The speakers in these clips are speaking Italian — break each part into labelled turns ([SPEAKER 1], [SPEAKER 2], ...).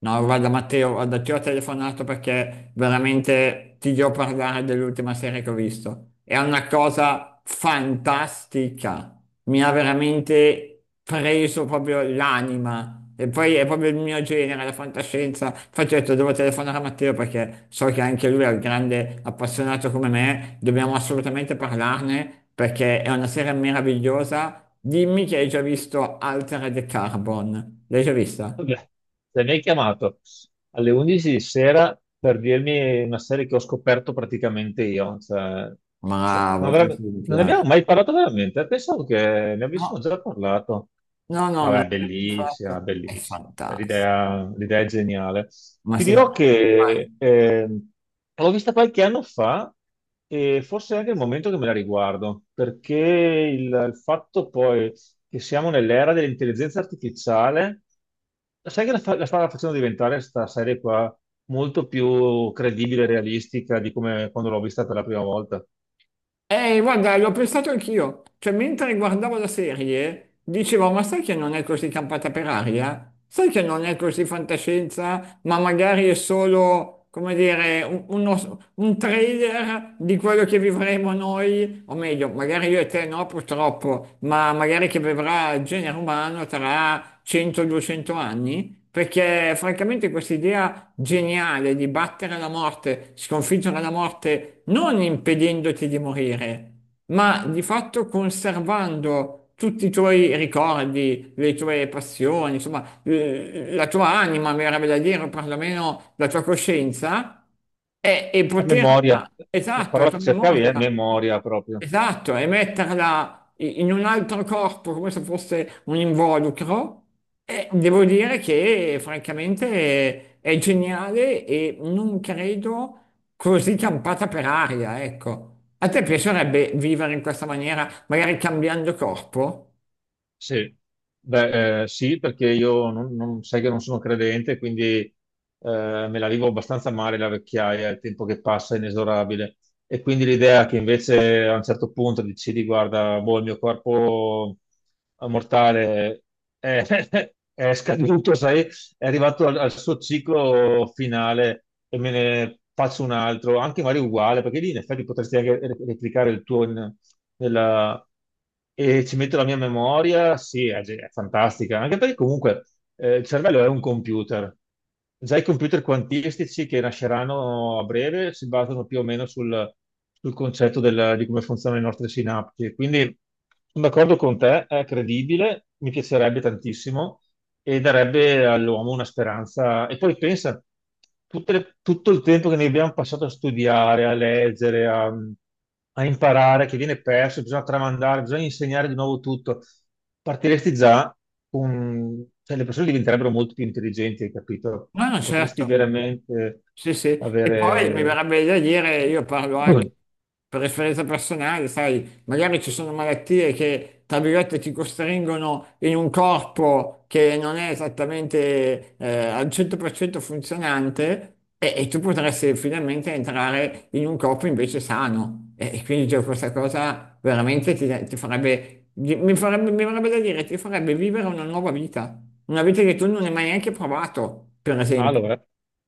[SPEAKER 1] No, guarda Matteo, guarda, ti ho telefonato perché veramente ti devo parlare dell'ultima serie che ho visto. È una cosa fantastica, mi ha veramente preso proprio l'anima e poi è proprio il mio genere, la fantascienza. Infatti ho detto devo telefonare a Matteo perché so che anche lui è un grande appassionato come me, dobbiamo assolutamente parlarne perché è una serie meravigliosa. Dimmi che hai già visto Altered Carbon, l'hai già vista?
[SPEAKER 2] Vabbè, se mi hai chiamato alle 11 di sera per dirmi una serie che ho scoperto praticamente io, cioè,
[SPEAKER 1] Bravo, questo mi
[SPEAKER 2] non ne abbiamo
[SPEAKER 1] piace.
[SPEAKER 2] mai parlato veramente? Pensavo che ne
[SPEAKER 1] No,
[SPEAKER 2] avessimo già parlato.
[SPEAKER 1] no, no, non
[SPEAKER 2] Vabbè,
[SPEAKER 1] l'ho mai
[SPEAKER 2] bellissima,
[SPEAKER 1] fatto. È
[SPEAKER 2] bellissima, cioè,
[SPEAKER 1] fantastico.
[SPEAKER 2] l'idea è geniale.
[SPEAKER 1] Ma
[SPEAKER 2] Ti
[SPEAKER 1] secondo
[SPEAKER 2] dirò che
[SPEAKER 1] me
[SPEAKER 2] l'ho vista qualche anno fa e forse è anche il momento che me la riguardo, perché il fatto poi che siamo nell'era dell'intelligenza artificiale, sai che la stava facendo diventare questa serie qua molto più credibile e realistica di come quando l'ho vista per la prima volta.
[SPEAKER 1] Guarda, l'ho pensato anch'io. Cioè, mentre guardavo la serie, dicevo, ma sai che non è così campata per aria? Sai che non è così fantascienza, ma magari è solo, come dire, un trailer di quello che vivremo noi, o meglio, magari io e te no, purtroppo, ma magari che vivrà il genere umano tra 100-200 anni? Perché francamente questa idea geniale di battere la morte, sconfiggere la morte non impedendoti di morire, ma di fatto conservando tutti i tuoi ricordi, le tue passioni, insomma, la tua anima, mi verrebbe da dire, o perlomeno la tua coscienza, e
[SPEAKER 2] La
[SPEAKER 1] poter,
[SPEAKER 2] memoria, la
[SPEAKER 1] esatto, la
[SPEAKER 2] parola
[SPEAKER 1] tua
[SPEAKER 2] che cercavi è
[SPEAKER 1] memoria.
[SPEAKER 2] memoria proprio.
[SPEAKER 1] Esatto, e metterla in un altro corpo come se fosse un involucro, e devo dire che francamente è geniale e non credo così campata per aria, ecco. A te piacerebbe vivere in questa maniera, magari cambiando corpo?
[SPEAKER 2] Sì, beh, sì, perché io sai che non sono credente, quindi me la vivo abbastanza male la vecchiaia, il tempo che passa è inesorabile. E quindi l'idea che invece a un certo punto decidi, guarda, boh, il mio corpo mortale è, è scaduto, sai, è arrivato al suo ciclo finale e me ne faccio un altro, anche magari uguale, perché lì in effetti potresti anche replicare il tuo in- della- e ci metto la mia memoria, sì, è, è fantastica, anche perché comunque il cervello è un computer. Già i computer quantistici che nasceranno a breve si basano più o meno sul concetto di come funzionano le nostre sinapsi. Quindi sono d'accordo con te, è credibile, mi piacerebbe tantissimo e darebbe all'uomo una speranza. E poi pensa, tutto il tempo che noi abbiamo passato a studiare, a leggere, a imparare, che viene perso, bisogna tramandare, bisogna insegnare di nuovo tutto. Partiresti già con, cioè le persone diventerebbero molto più intelligenti, hai capito?
[SPEAKER 1] No, no,
[SPEAKER 2] Potresti
[SPEAKER 1] certo.
[SPEAKER 2] veramente
[SPEAKER 1] Sì, sì, e poi mi
[SPEAKER 2] avere...
[SPEAKER 1] verrebbe da dire, io parlo anche per esperienza personale, sai, magari ci sono malattie che, tra virgolette, ti costringono in un corpo che non è esattamente al 100% funzionante e tu potresti finalmente entrare in un corpo invece sano. E quindi cioè, questa cosa veramente mi farebbe, mi verrebbe da dire, ti farebbe vivere una nuova vita. Una vite che tu non hai mai neanche provato, per esempio.
[SPEAKER 2] Allora,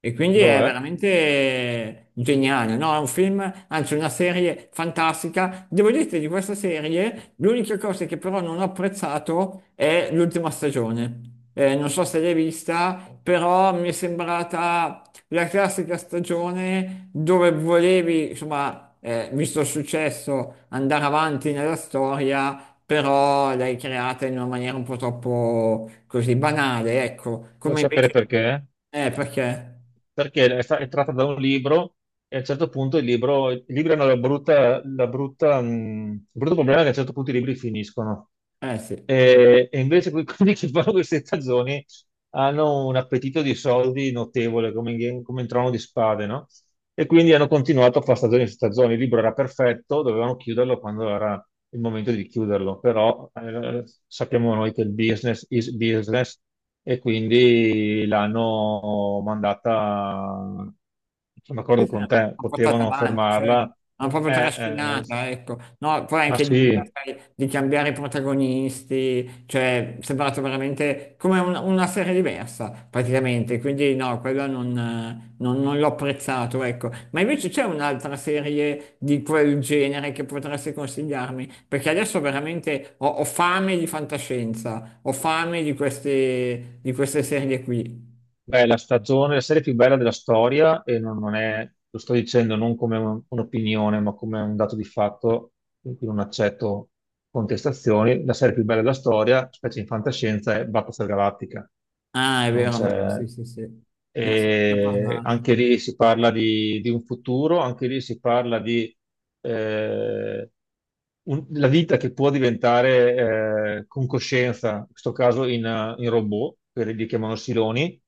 [SPEAKER 1] E quindi
[SPEAKER 2] lo
[SPEAKER 1] è
[SPEAKER 2] è. Lo è.
[SPEAKER 1] veramente geniale, no? È un film, anzi una serie fantastica. Devo dirti di questa serie, l'unica cosa che però non ho apprezzato è l'ultima stagione. Non so se l'hai vista, però mi è sembrata la classica stagione dove volevi, insomma, visto il successo, andare avanti nella storia però l'hai creata in una maniera un po' troppo così banale, ecco,
[SPEAKER 2] Vuoi
[SPEAKER 1] come
[SPEAKER 2] sapere
[SPEAKER 1] invece...
[SPEAKER 2] perché?
[SPEAKER 1] Perché?
[SPEAKER 2] Perché è, è tratta da un libro e a un certo punto il libro, i libri hanno il brutto problema è che a un certo punto i libri finiscono.
[SPEAKER 1] Eh sì.
[SPEAKER 2] E invece quelli che fanno queste stagioni hanno un appetito di soldi notevole, come in, come in Trono di Spade, no? E quindi hanno continuato a fare stagioni su stagioni. Il libro era perfetto, dovevano chiuderlo quando era il momento di chiuderlo, però sappiamo noi che il business is business e quindi l'hanno mandata, sono d'accordo
[SPEAKER 1] Sì, sì,
[SPEAKER 2] con te,
[SPEAKER 1] l'hanno portata
[SPEAKER 2] potevano
[SPEAKER 1] avanti, cioè,
[SPEAKER 2] fermarla.
[SPEAKER 1] l'hanno proprio
[SPEAKER 2] Eh, eh,
[SPEAKER 1] trascinata, ecco. No, poi
[SPEAKER 2] ma
[SPEAKER 1] anche l'idea,
[SPEAKER 2] sì,
[SPEAKER 1] sai, di cambiare i protagonisti, cioè, è sembrato veramente come una serie diversa, praticamente. Quindi no, quello non, non l'ho apprezzato, ecco. Ma invece c'è un'altra serie di quel genere che potresti consigliarmi? Perché adesso veramente ho fame di fantascienza, ho fame di queste serie qui.
[SPEAKER 2] beh, la serie più bella della storia, e non è, lo sto dicendo non come un'opinione, ma come un dato di fatto, in cui non accetto contestazioni, la serie più bella della storia, specie in fantascienza, è Battlestar Galactica.
[SPEAKER 1] Ah, è
[SPEAKER 2] Non
[SPEAKER 1] vero,
[SPEAKER 2] c'è...
[SPEAKER 1] sì, sì, sì. Ne ho sentito
[SPEAKER 2] E
[SPEAKER 1] parlare.
[SPEAKER 2] anche lì si parla di un futuro, anche lì si parla di eh, la vita che può diventare con coscienza, in questo caso in, in robot, quelli li chiamano siloni,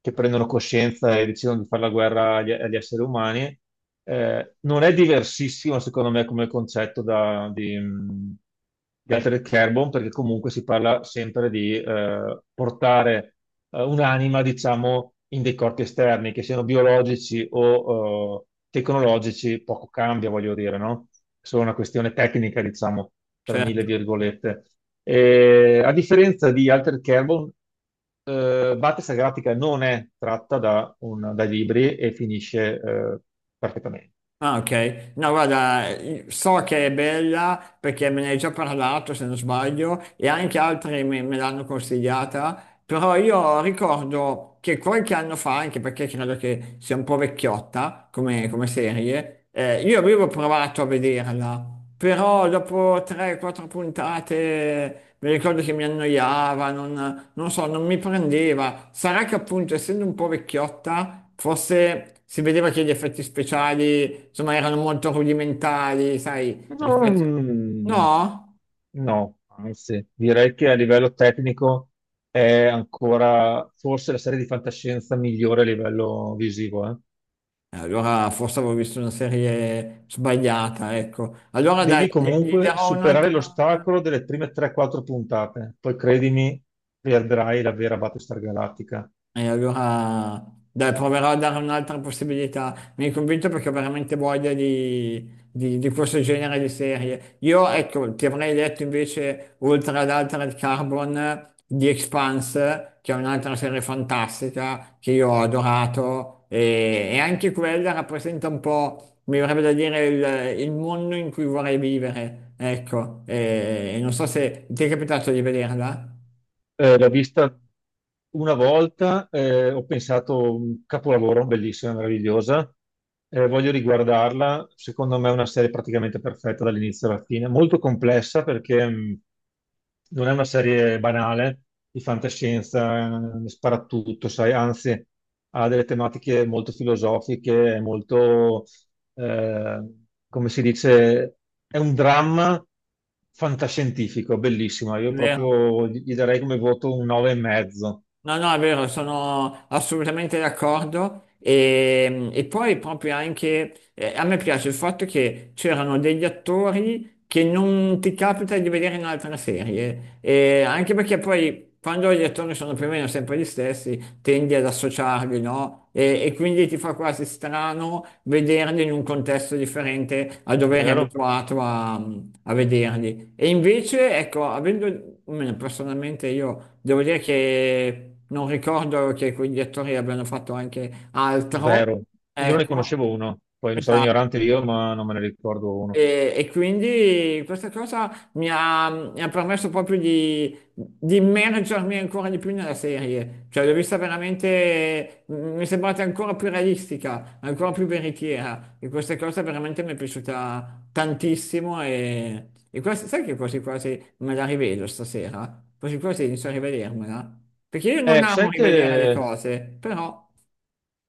[SPEAKER 2] che prendono coscienza e decidono di fare la guerra agli esseri umani, non è diversissimo, secondo me, come concetto di Altered Carbon, perché comunque si parla sempre di portare un'anima, diciamo, in dei corpi esterni, che siano biologici o tecnologici, poco cambia, voglio dire, no? È solo una questione tecnica, diciamo, tra mille
[SPEAKER 1] Certo.
[SPEAKER 2] virgolette. A differenza di Altered Carbon, Battista Gratica non è tratta da dai libri e finisce perfettamente.
[SPEAKER 1] Ah, ok. No, guarda, so che è bella perché me ne hai già parlato, se non sbaglio, e anche altri me l'hanno consigliata, però io ricordo che qualche anno fa, anche perché credo che sia un po' vecchiotta come, come serie, io avevo provato a vederla, però dopo 3-4 puntate mi ricordo che mi annoiava, non so, non mi prendeva. Sarà che appunto, essendo un po' vecchiotta, forse si vedeva che gli effetti speciali, insomma, erano molto rudimentali, sai, rispetto...
[SPEAKER 2] Non-
[SPEAKER 1] No?
[SPEAKER 2] no, anzi, direi che a livello tecnico è ancora forse la serie di fantascienza migliore a livello visivo.
[SPEAKER 1] Allora forse avevo visto una serie sbagliata, ecco. Allora dai,
[SPEAKER 2] Devi
[SPEAKER 1] gli
[SPEAKER 2] comunque
[SPEAKER 1] darò
[SPEAKER 2] superare
[SPEAKER 1] un'altra...
[SPEAKER 2] l'ostacolo delle prime 3 o 4 puntate, poi credimi, vedrai la vera Battlestar Galactica.
[SPEAKER 1] E allora, dai, proverò a dare un'altra possibilità. Mi hai convinto perché ho veramente voglia di, di questo genere di serie. Io, ecco, ti avrei detto invece, oltre ad Altered Carbon, di Expanse, che è un'altra serie fantastica che io ho adorato e anche quella rappresenta un po', mi verrebbe da dire, il mondo in cui vorrei vivere. Ecco, e non so se ti è capitato di vederla.
[SPEAKER 2] L'ho vista una volta, ho pensato un capolavoro, bellissima, meravigliosa. Voglio riguardarla. Secondo me è una serie praticamente perfetta dall'inizio alla fine, molto complessa perché non è una serie banale di fantascienza, sparatutto, sai, anzi ha delle tematiche molto filosofiche, molto eh, come si dice, è un dramma fantascientifico, bellissimo.
[SPEAKER 1] È
[SPEAKER 2] Io
[SPEAKER 1] vero.
[SPEAKER 2] proprio gli darei come voto un 9 e mezzo.
[SPEAKER 1] No, no, è vero, sono assolutamente d'accordo. E poi proprio anche a me piace il fatto che c'erano degli attori che non ti capita di vedere in altre serie, e anche perché poi quando gli attori sono più o meno sempre gli stessi, tendi ad associarli, no? E quindi ti fa quasi strano vederli in un contesto differente a dove eri
[SPEAKER 2] Vero?
[SPEAKER 1] abituato a a vederli. E invece, ecco, avendo, almeno personalmente io devo dire che non ricordo che quegli attori abbiano fatto anche altro,
[SPEAKER 2] Vero. Io ne
[SPEAKER 1] ecco,
[SPEAKER 2] conoscevo uno, poi non sarò ignorante io, ma non me ne ricordo uno.
[SPEAKER 1] e quindi questa cosa mi ha permesso proprio di immergermi ancora di più nella serie, cioè l'ho vista veramente, mi è sembrata ancora più realistica, ancora più veritiera e questa cosa veramente mi è piaciuta tantissimo e, sai che quasi quasi me la rivedo stasera? Quasi quasi inizio a rivedermela, perché io non amo
[SPEAKER 2] Sai
[SPEAKER 1] rivedere le
[SPEAKER 2] che
[SPEAKER 1] cose, però...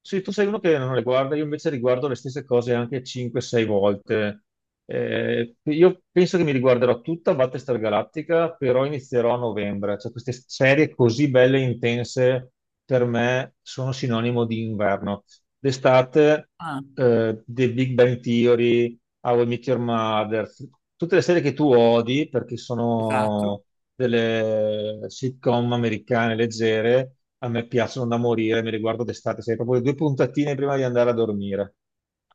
[SPEAKER 2] sì, tu sei uno che non le guarda, io invece riguardo le stesse cose anche 5 o 6 volte. Io penso che mi riguarderò tutta Battlestar Galactica, però inizierò a novembre. Cioè, queste serie così belle e intense per me sono sinonimo di inverno. D'estate,
[SPEAKER 1] Ah,
[SPEAKER 2] The Big Bang Theory, How I Met Your Mother, tutte le serie che tu odi perché
[SPEAKER 1] esatto,
[SPEAKER 2] sono delle sitcom americane leggere, a me piacciono da morire, me le guardo d'estate, sai, proprio due puntatine prima di andare a dormire.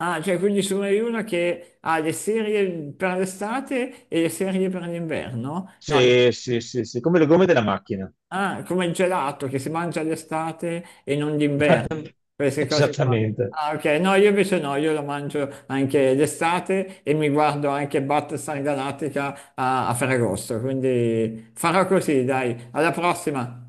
[SPEAKER 1] ah, cioè quindi sono io una che ha le serie per l'estate e le serie per l'inverno? No, io-
[SPEAKER 2] Sì, sì, sì, sì, come le gomme della macchina,
[SPEAKER 1] Ah, come il gelato che si mangia l'estate e non d'inverno, queste cose qua.
[SPEAKER 2] esattamente.
[SPEAKER 1] Ah, ok, no, io invece no, io lo mangio anche l'estate e mi guardo anche Battlestar Galactica a, a Ferragosto, quindi farò così, dai, alla prossima!